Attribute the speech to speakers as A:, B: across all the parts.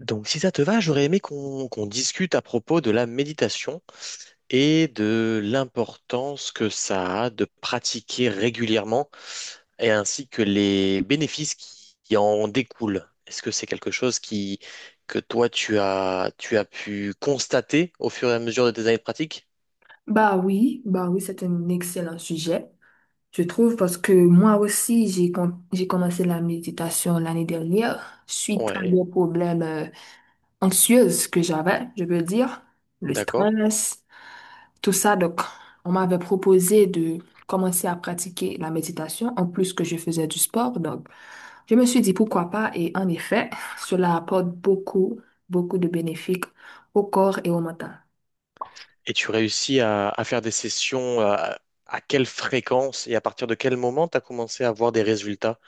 A: Donc, si ça te va, j'aurais aimé qu'on discute à propos de la méditation et de l'importance que ça a de pratiquer régulièrement et ainsi que les bénéfices qui en découlent. Est-ce que c'est quelque chose que toi, tu as pu constater au fur et à mesure de tes années de pratique?
B: Bah oui, c'est un excellent sujet, je trouve, parce que moi aussi, j'ai commencé la méditation l'année dernière suite à
A: Ouais,
B: des problèmes anxieux que j'avais, je veux dire, le
A: d'accord.
B: stress, tout ça. Donc, on m'avait proposé de commencer à pratiquer la méditation, en plus que je faisais du sport. Donc, je me suis dit pourquoi pas, et en effet, cela apporte beaucoup, beaucoup de bénéfices au corps et au mental.
A: Et tu réussis à faire des sessions à quelle fréquence et à partir de quel moment tu as commencé à avoir des résultats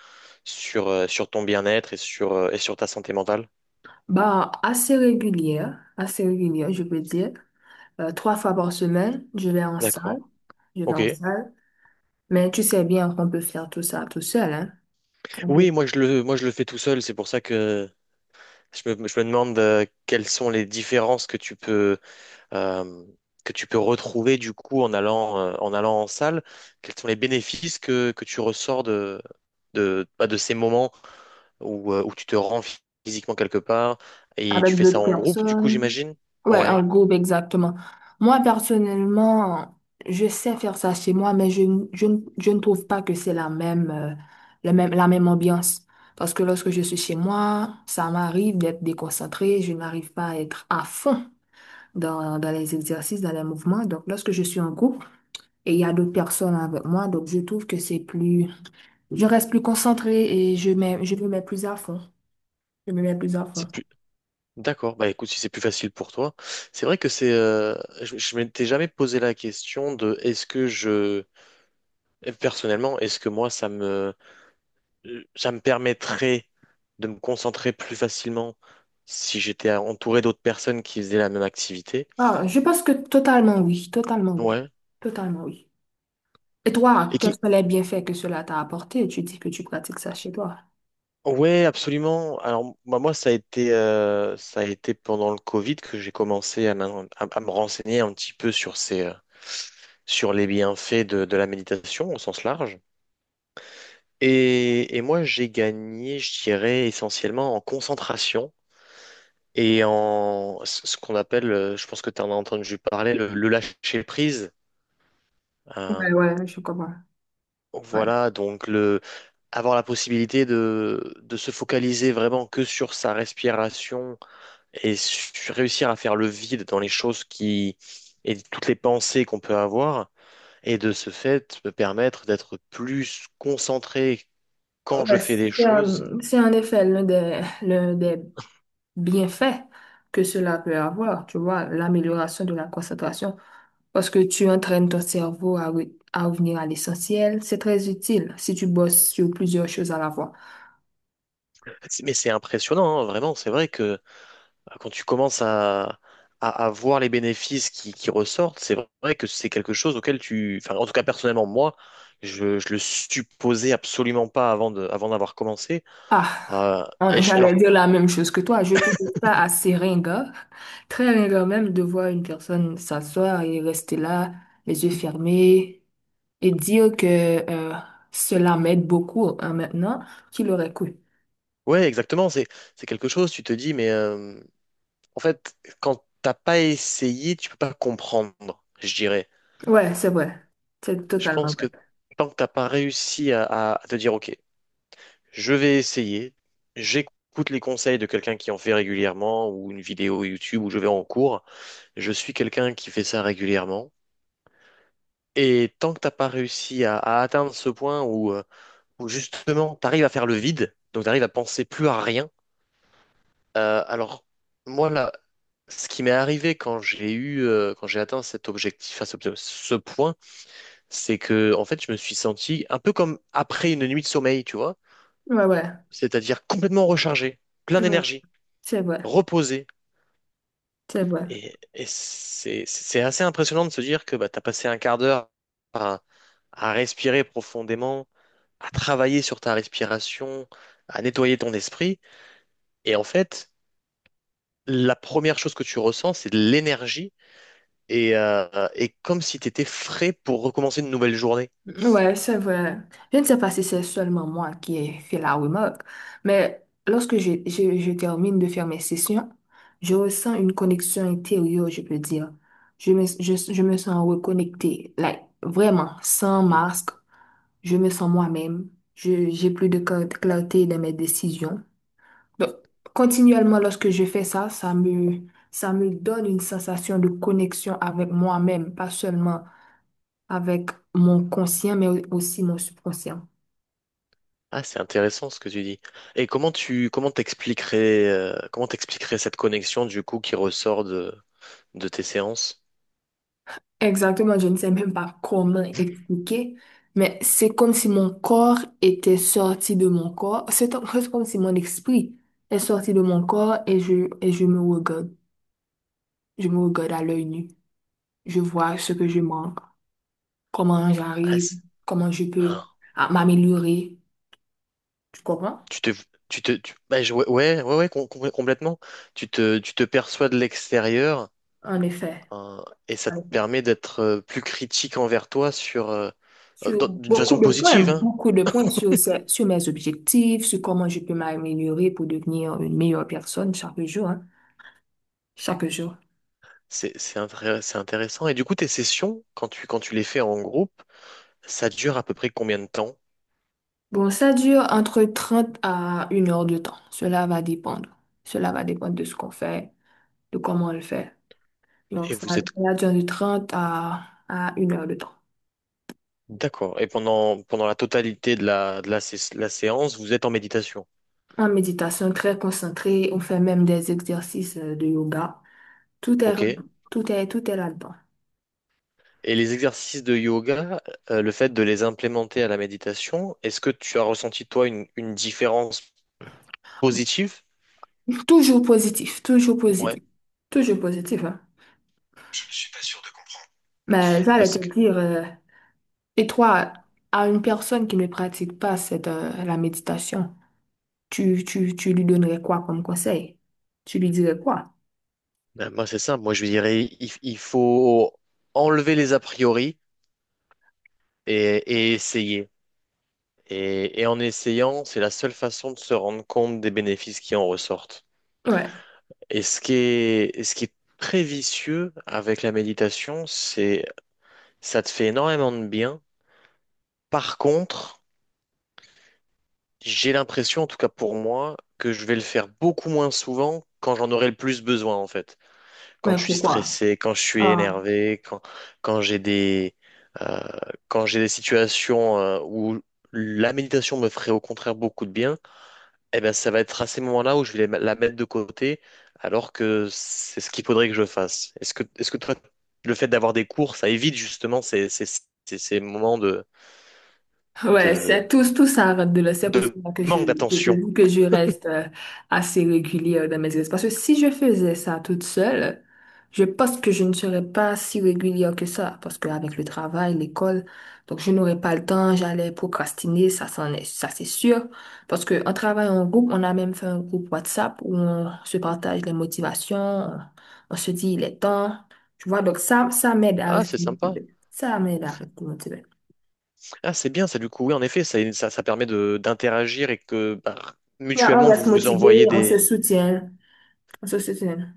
A: sur, sur ton bien-être et sur ta santé mentale.
B: Bah, assez régulière, je peux dire. 3 fois par semaine, je vais en
A: D'accord.
B: salle, je vais en
A: Ok.
B: salle. Mais tu sais bien qu'on peut faire tout ça tout seul, hein. On peut-
A: Oui, moi je le fais tout seul. C'est pour ça que je me demande quelles sont les différences euh, que tu peux retrouver du coup en allant, en allant en salle. Quels sont les bénéfices que tu ressors de, bah, de ces moments où, où tu te rends physiquement quelque part et tu
B: Avec
A: fais ça
B: d'autres
A: en groupe, du coup,
B: personnes.
A: j'imagine?
B: Ouais, en
A: Ouais.
B: groupe, exactement. Moi, personnellement, je sais faire ça chez moi, mais je ne trouve pas que c'est la même ambiance. Parce que lorsque je suis chez moi, ça m'arrive d'être déconcentrée, je n'arrive pas à être à fond dans les exercices, dans les mouvements. Donc, lorsque je suis en groupe et il y a d'autres personnes avec moi, donc je trouve que c'est plus, je reste plus concentrée et je me mets plus à fond. Je me mets plus à fond.
A: c'est plus D'accord, bah écoute, si c'est plus facile pour toi, c'est vrai que c'est, je m'étais jamais posé la question de est-ce que je, personnellement, est-ce que moi ça me permettrait de me concentrer plus facilement si j'étais entouré d'autres personnes qui faisaient la même activité.
B: Ah, je pense que totalement oui, totalement oui,
A: Ouais.
B: totalement oui. Et toi,
A: Et
B: quels
A: qui,
B: sont les bienfaits que cela t'a apporté? Tu dis que tu pratiques ça chez toi.
A: ouais, absolument. Alors bah, moi, ça a été pendant le Covid que j'ai commencé à me renseigner un petit peu sur ces, sur les bienfaits de la méditation au sens large. Et moi, j'ai gagné, je dirais, essentiellement en concentration et en ce qu'on appelle, je pense que tu en as entendu parler, le lâcher-prise.
B: Ouais,
A: Euh,
B: ouais, je comprends. Ouais.
A: voilà, donc le, avoir la possibilité de se focaliser vraiment que sur sa respiration et réussir à faire le vide dans les choses, et toutes les pensées qu'on peut avoir, et de ce fait, me permettre d'être plus concentré quand je
B: Ouais,
A: fais des choses.
B: c'est en effet l'un des bienfaits que cela peut avoir, tu vois, l'amélioration de la concentration, parce que tu entraînes ton cerveau à revenir à l'essentiel. C'est très utile si tu bosses sur plusieurs choses à la fois.
A: Mais c'est impressionnant, hein, vraiment. C'est vrai que quand tu commences à voir les bénéfices qui ressortent, c'est vrai que c'est quelque chose auquel tu... Enfin, en tout cas, personnellement, moi, je le supposais absolument pas avant d'avoir commencé.
B: Ah,
A: Alors,
B: j'allais dire la même chose que toi. Je trouve ça assez ringard, très ringard même de voir une personne s'asseoir et rester là, les yeux fermés, et dire que euh, cela m'aide beaucoup hein, maintenant qu'il aurait cru.
A: ouais, exactement. C'est quelque chose, tu te dis, mais en fait, quand t'as pas essayé, tu peux pas comprendre, je dirais.
B: Ouais, c'est vrai. C'est
A: Je
B: totalement
A: pense que
B: vrai.
A: tant que t'as pas réussi à te dire, OK, je vais essayer. J'écoute les conseils de quelqu'un qui en fait régulièrement ou une vidéo YouTube où je vais en cours. Je suis quelqu'un qui fait ça régulièrement. Et tant que t'as pas réussi à atteindre ce point où, où justement t'arrives à faire le vide, donc t'arrives à penser plus à rien. Alors moi là, ce qui m'est arrivé quand j'ai quand j'ai atteint cet objectif, à ce point, c'est que en fait je me suis senti un peu comme après une nuit de sommeil, tu vois,
B: Ouais, ouais.
A: c'est-à-dire complètement rechargé, plein
B: Ouais,
A: d'énergie,
B: c'est vrai,
A: reposé.
B: c'est vrai.
A: Et c'est assez impressionnant de se dire que bah, tu as passé un quart d'heure à, à respirer profondément, à travailler sur ta respiration, à nettoyer ton esprit. Et en fait, la première chose que tu ressens, c'est de l'énergie et comme si tu étais frais pour recommencer une nouvelle journée.
B: Ouais, c'est vrai. Je ne sais pas si c'est seulement moi qui ai fait la remarque, mais lorsque je termine de faire mes sessions, je ressens une connexion intérieure, je peux dire. Je me sens reconnectée, like, vraiment, sans
A: Hmm.
B: masque. Je me sens moi-même. J'ai plus de clarté dans mes décisions. Donc, continuellement, lorsque je fais ça, ça me donne une sensation de connexion avec moi-même, pas seulement avec mon conscient, mais aussi mon subconscient.
A: Ah, c'est intéressant ce que tu dis. Et comment tu comment t'expliquerais cette connexion du coup qui ressort de tes séances?
B: Exactement, je ne sais même pas comment expliquer, mais c'est comme si mon corps était sorti de mon corps. C'est comme si mon esprit est sorti de mon corps et je me regarde. Je me regarde à l'œil nu. Je vois ce que je manque, comment
A: Ah,
B: j'arrive,
A: c'est-
B: comment je peux
A: ah.
B: m'améliorer. Tu comprends?
A: Tu te, tu te, tu- bah, je- Ouais, complètement. Tu te perçois de l'extérieur,
B: En effet.
A: hein, et ça te permet d'être plus critique envers toi sur,
B: Sur
A: d'une façon positive, hein.
B: beaucoup de points sur mes objectifs, sur comment je peux m'améliorer pour devenir une meilleure personne chaque jour, hein, chaque jour.
A: C'est, c'est intéressant. Et du coup, tes sessions, quand tu les fais en groupe, ça dure à peu près combien de temps?
B: Bon, ça dure entre 30 à une heure de temps. Cela va dépendre. Cela va dépendre de ce qu'on fait, de comment on le fait. Donc,
A: Et
B: ça,
A: vous êtes
B: ça dure de 30 à, une heure de temps.
A: d'accord. Et pendant, pendant la totalité de la séance, vous êtes en méditation.
B: En méditation très concentrée, on fait même des exercices de yoga. Tout est,
A: Ok.
B: tout est, tout est là-dedans.
A: Et les exercices de yoga, le fait de les implémenter à la méditation, est-ce que tu as ressenti toi une différence positive?
B: Toujours positif, toujours
A: Ouais,
B: positif, toujours positif, hein.
A: je ne suis pas sûr de comprendre.
B: Mais j'allais te
A: Parce que
B: dire, et toi, à une personne qui ne pratique pas la méditation, tu lui donnerais quoi comme conseil? Tu lui dirais quoi?
A: ben, moi c'est ça, moi je dirais il faut enlever les a priori et essayer. Et en essayant, c'est la seule façon de se rendre compte des bénéfices qui en ressortent.
B: Ouais,
A: Et ce et ce qui est très vicieux avec la méditation, c'est ça te fait énormément de bien. Par contre, j'ai l'impression, en tout cas pour moi, que je vais le faire beaucoup moins souvent quand j'en aurai le plus besoin, en fait. Quand
B: mais
A: je suis
B: pourquoi?
A: stressé, quand je suis énervé, quand, quand j'ai des, euh, quand j'ai des situations où la méditation me ferait au contraire beaucoup de bien, eh ben ça va être à ces moments-là où je vais la mettre de côté, alors que c'est ce qu'il faudrait que je fasse. Est-ce est-ce que toi, le fait d'avoir des cours, ça évite justement ces moments
B: Ouais,
A: de,
B: c'est tout, tout ça rentre de là. C'est pour
A: de
B: cela que je
A: manque
B: te
A: d'attention?
B: dis que je reste assez régulière dans mes espaces. Parce que si je faisais ça toute seule, je pense que je ne serais pas si régulière que ça. Parce qu'avec le travail, l'école, donc je n'aurais pas le temps, j'allais procrastiner, ça, c'en est, ça c'est sûr. Parce qu'en travaillant en groupe, on a même fait un groupe WhatsApp où on se partage les motivations, on se dit il est temps. Tu vois, donc ça m'aide à
A: Ah, c'est
B: rester
A: sympa.
B: motivée. Ça m'aide à rester motivée.
A: Ah, c'est bien ça du coup. Oui, en effet, ça permet de d'interagir et que bah,
B: Ouais, on
A: mutuellement vous
B: reste
A: vous
B: motivé,
A: envoyez
B: on se
A: des.
B: soutient, on se soutient.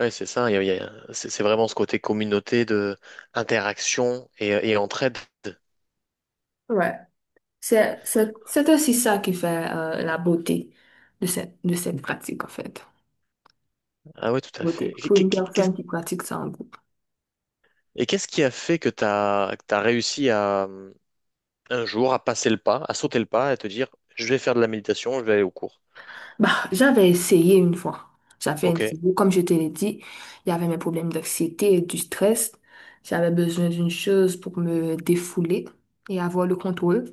A: Ouais, c'est ça. C'est vraiment ce côté communauté de interaction et entraide.
B: Ouais. C'est aussi ça qui fait la beauté de cette pratique, en fait.
A: Ah ouais, tout à
B: Beauté.
A: fait. Et
B: Pour une personne qui pratique ça en groupe.
A: qu'est-ce qui a fait que t'as réussi à un jour à passer le pas, à sauter le pas et te dire je vais faire de la méditation, je vais aller au cours.
B: Bah, j'avais essayé une fois. J'avais
A: Ok.
B: essayé, comme je te l'ai dit, il y avait mes problèmes d'anxiété et du stress. J'avais besoin d'une chose pour me défouler et avoir le contrôle.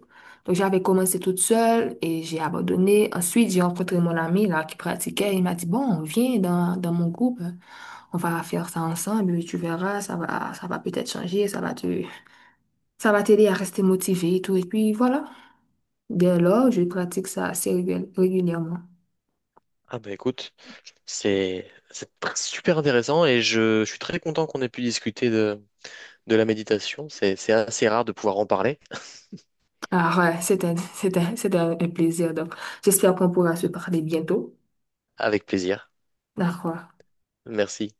B: Donc, j'avais commencé toute seule et j'ai abandonné. Ensuite, j'ai rencontré mon ami là qui pratiquait. Il m'a dit, bon, viens dans mon groupe. On va faire ça ensemble. Tu verras, ça va peut-être changer. Ça va t'aider à rester motivé et tout. Et puis, voilà. Dès lors, je pratique ça assez régulièrement.
A: Ah bah écoute, super intéressant et je suis très content qu'on ait pu discuter de la méditation. C'est assez rare de pouvoir en parler.
B: Ah ouais, c'était un plaisir. Donc, j'espère qu'on pourra se parler bientôt.
A: Avec plaisir.
B: D'accord.
A: Merci.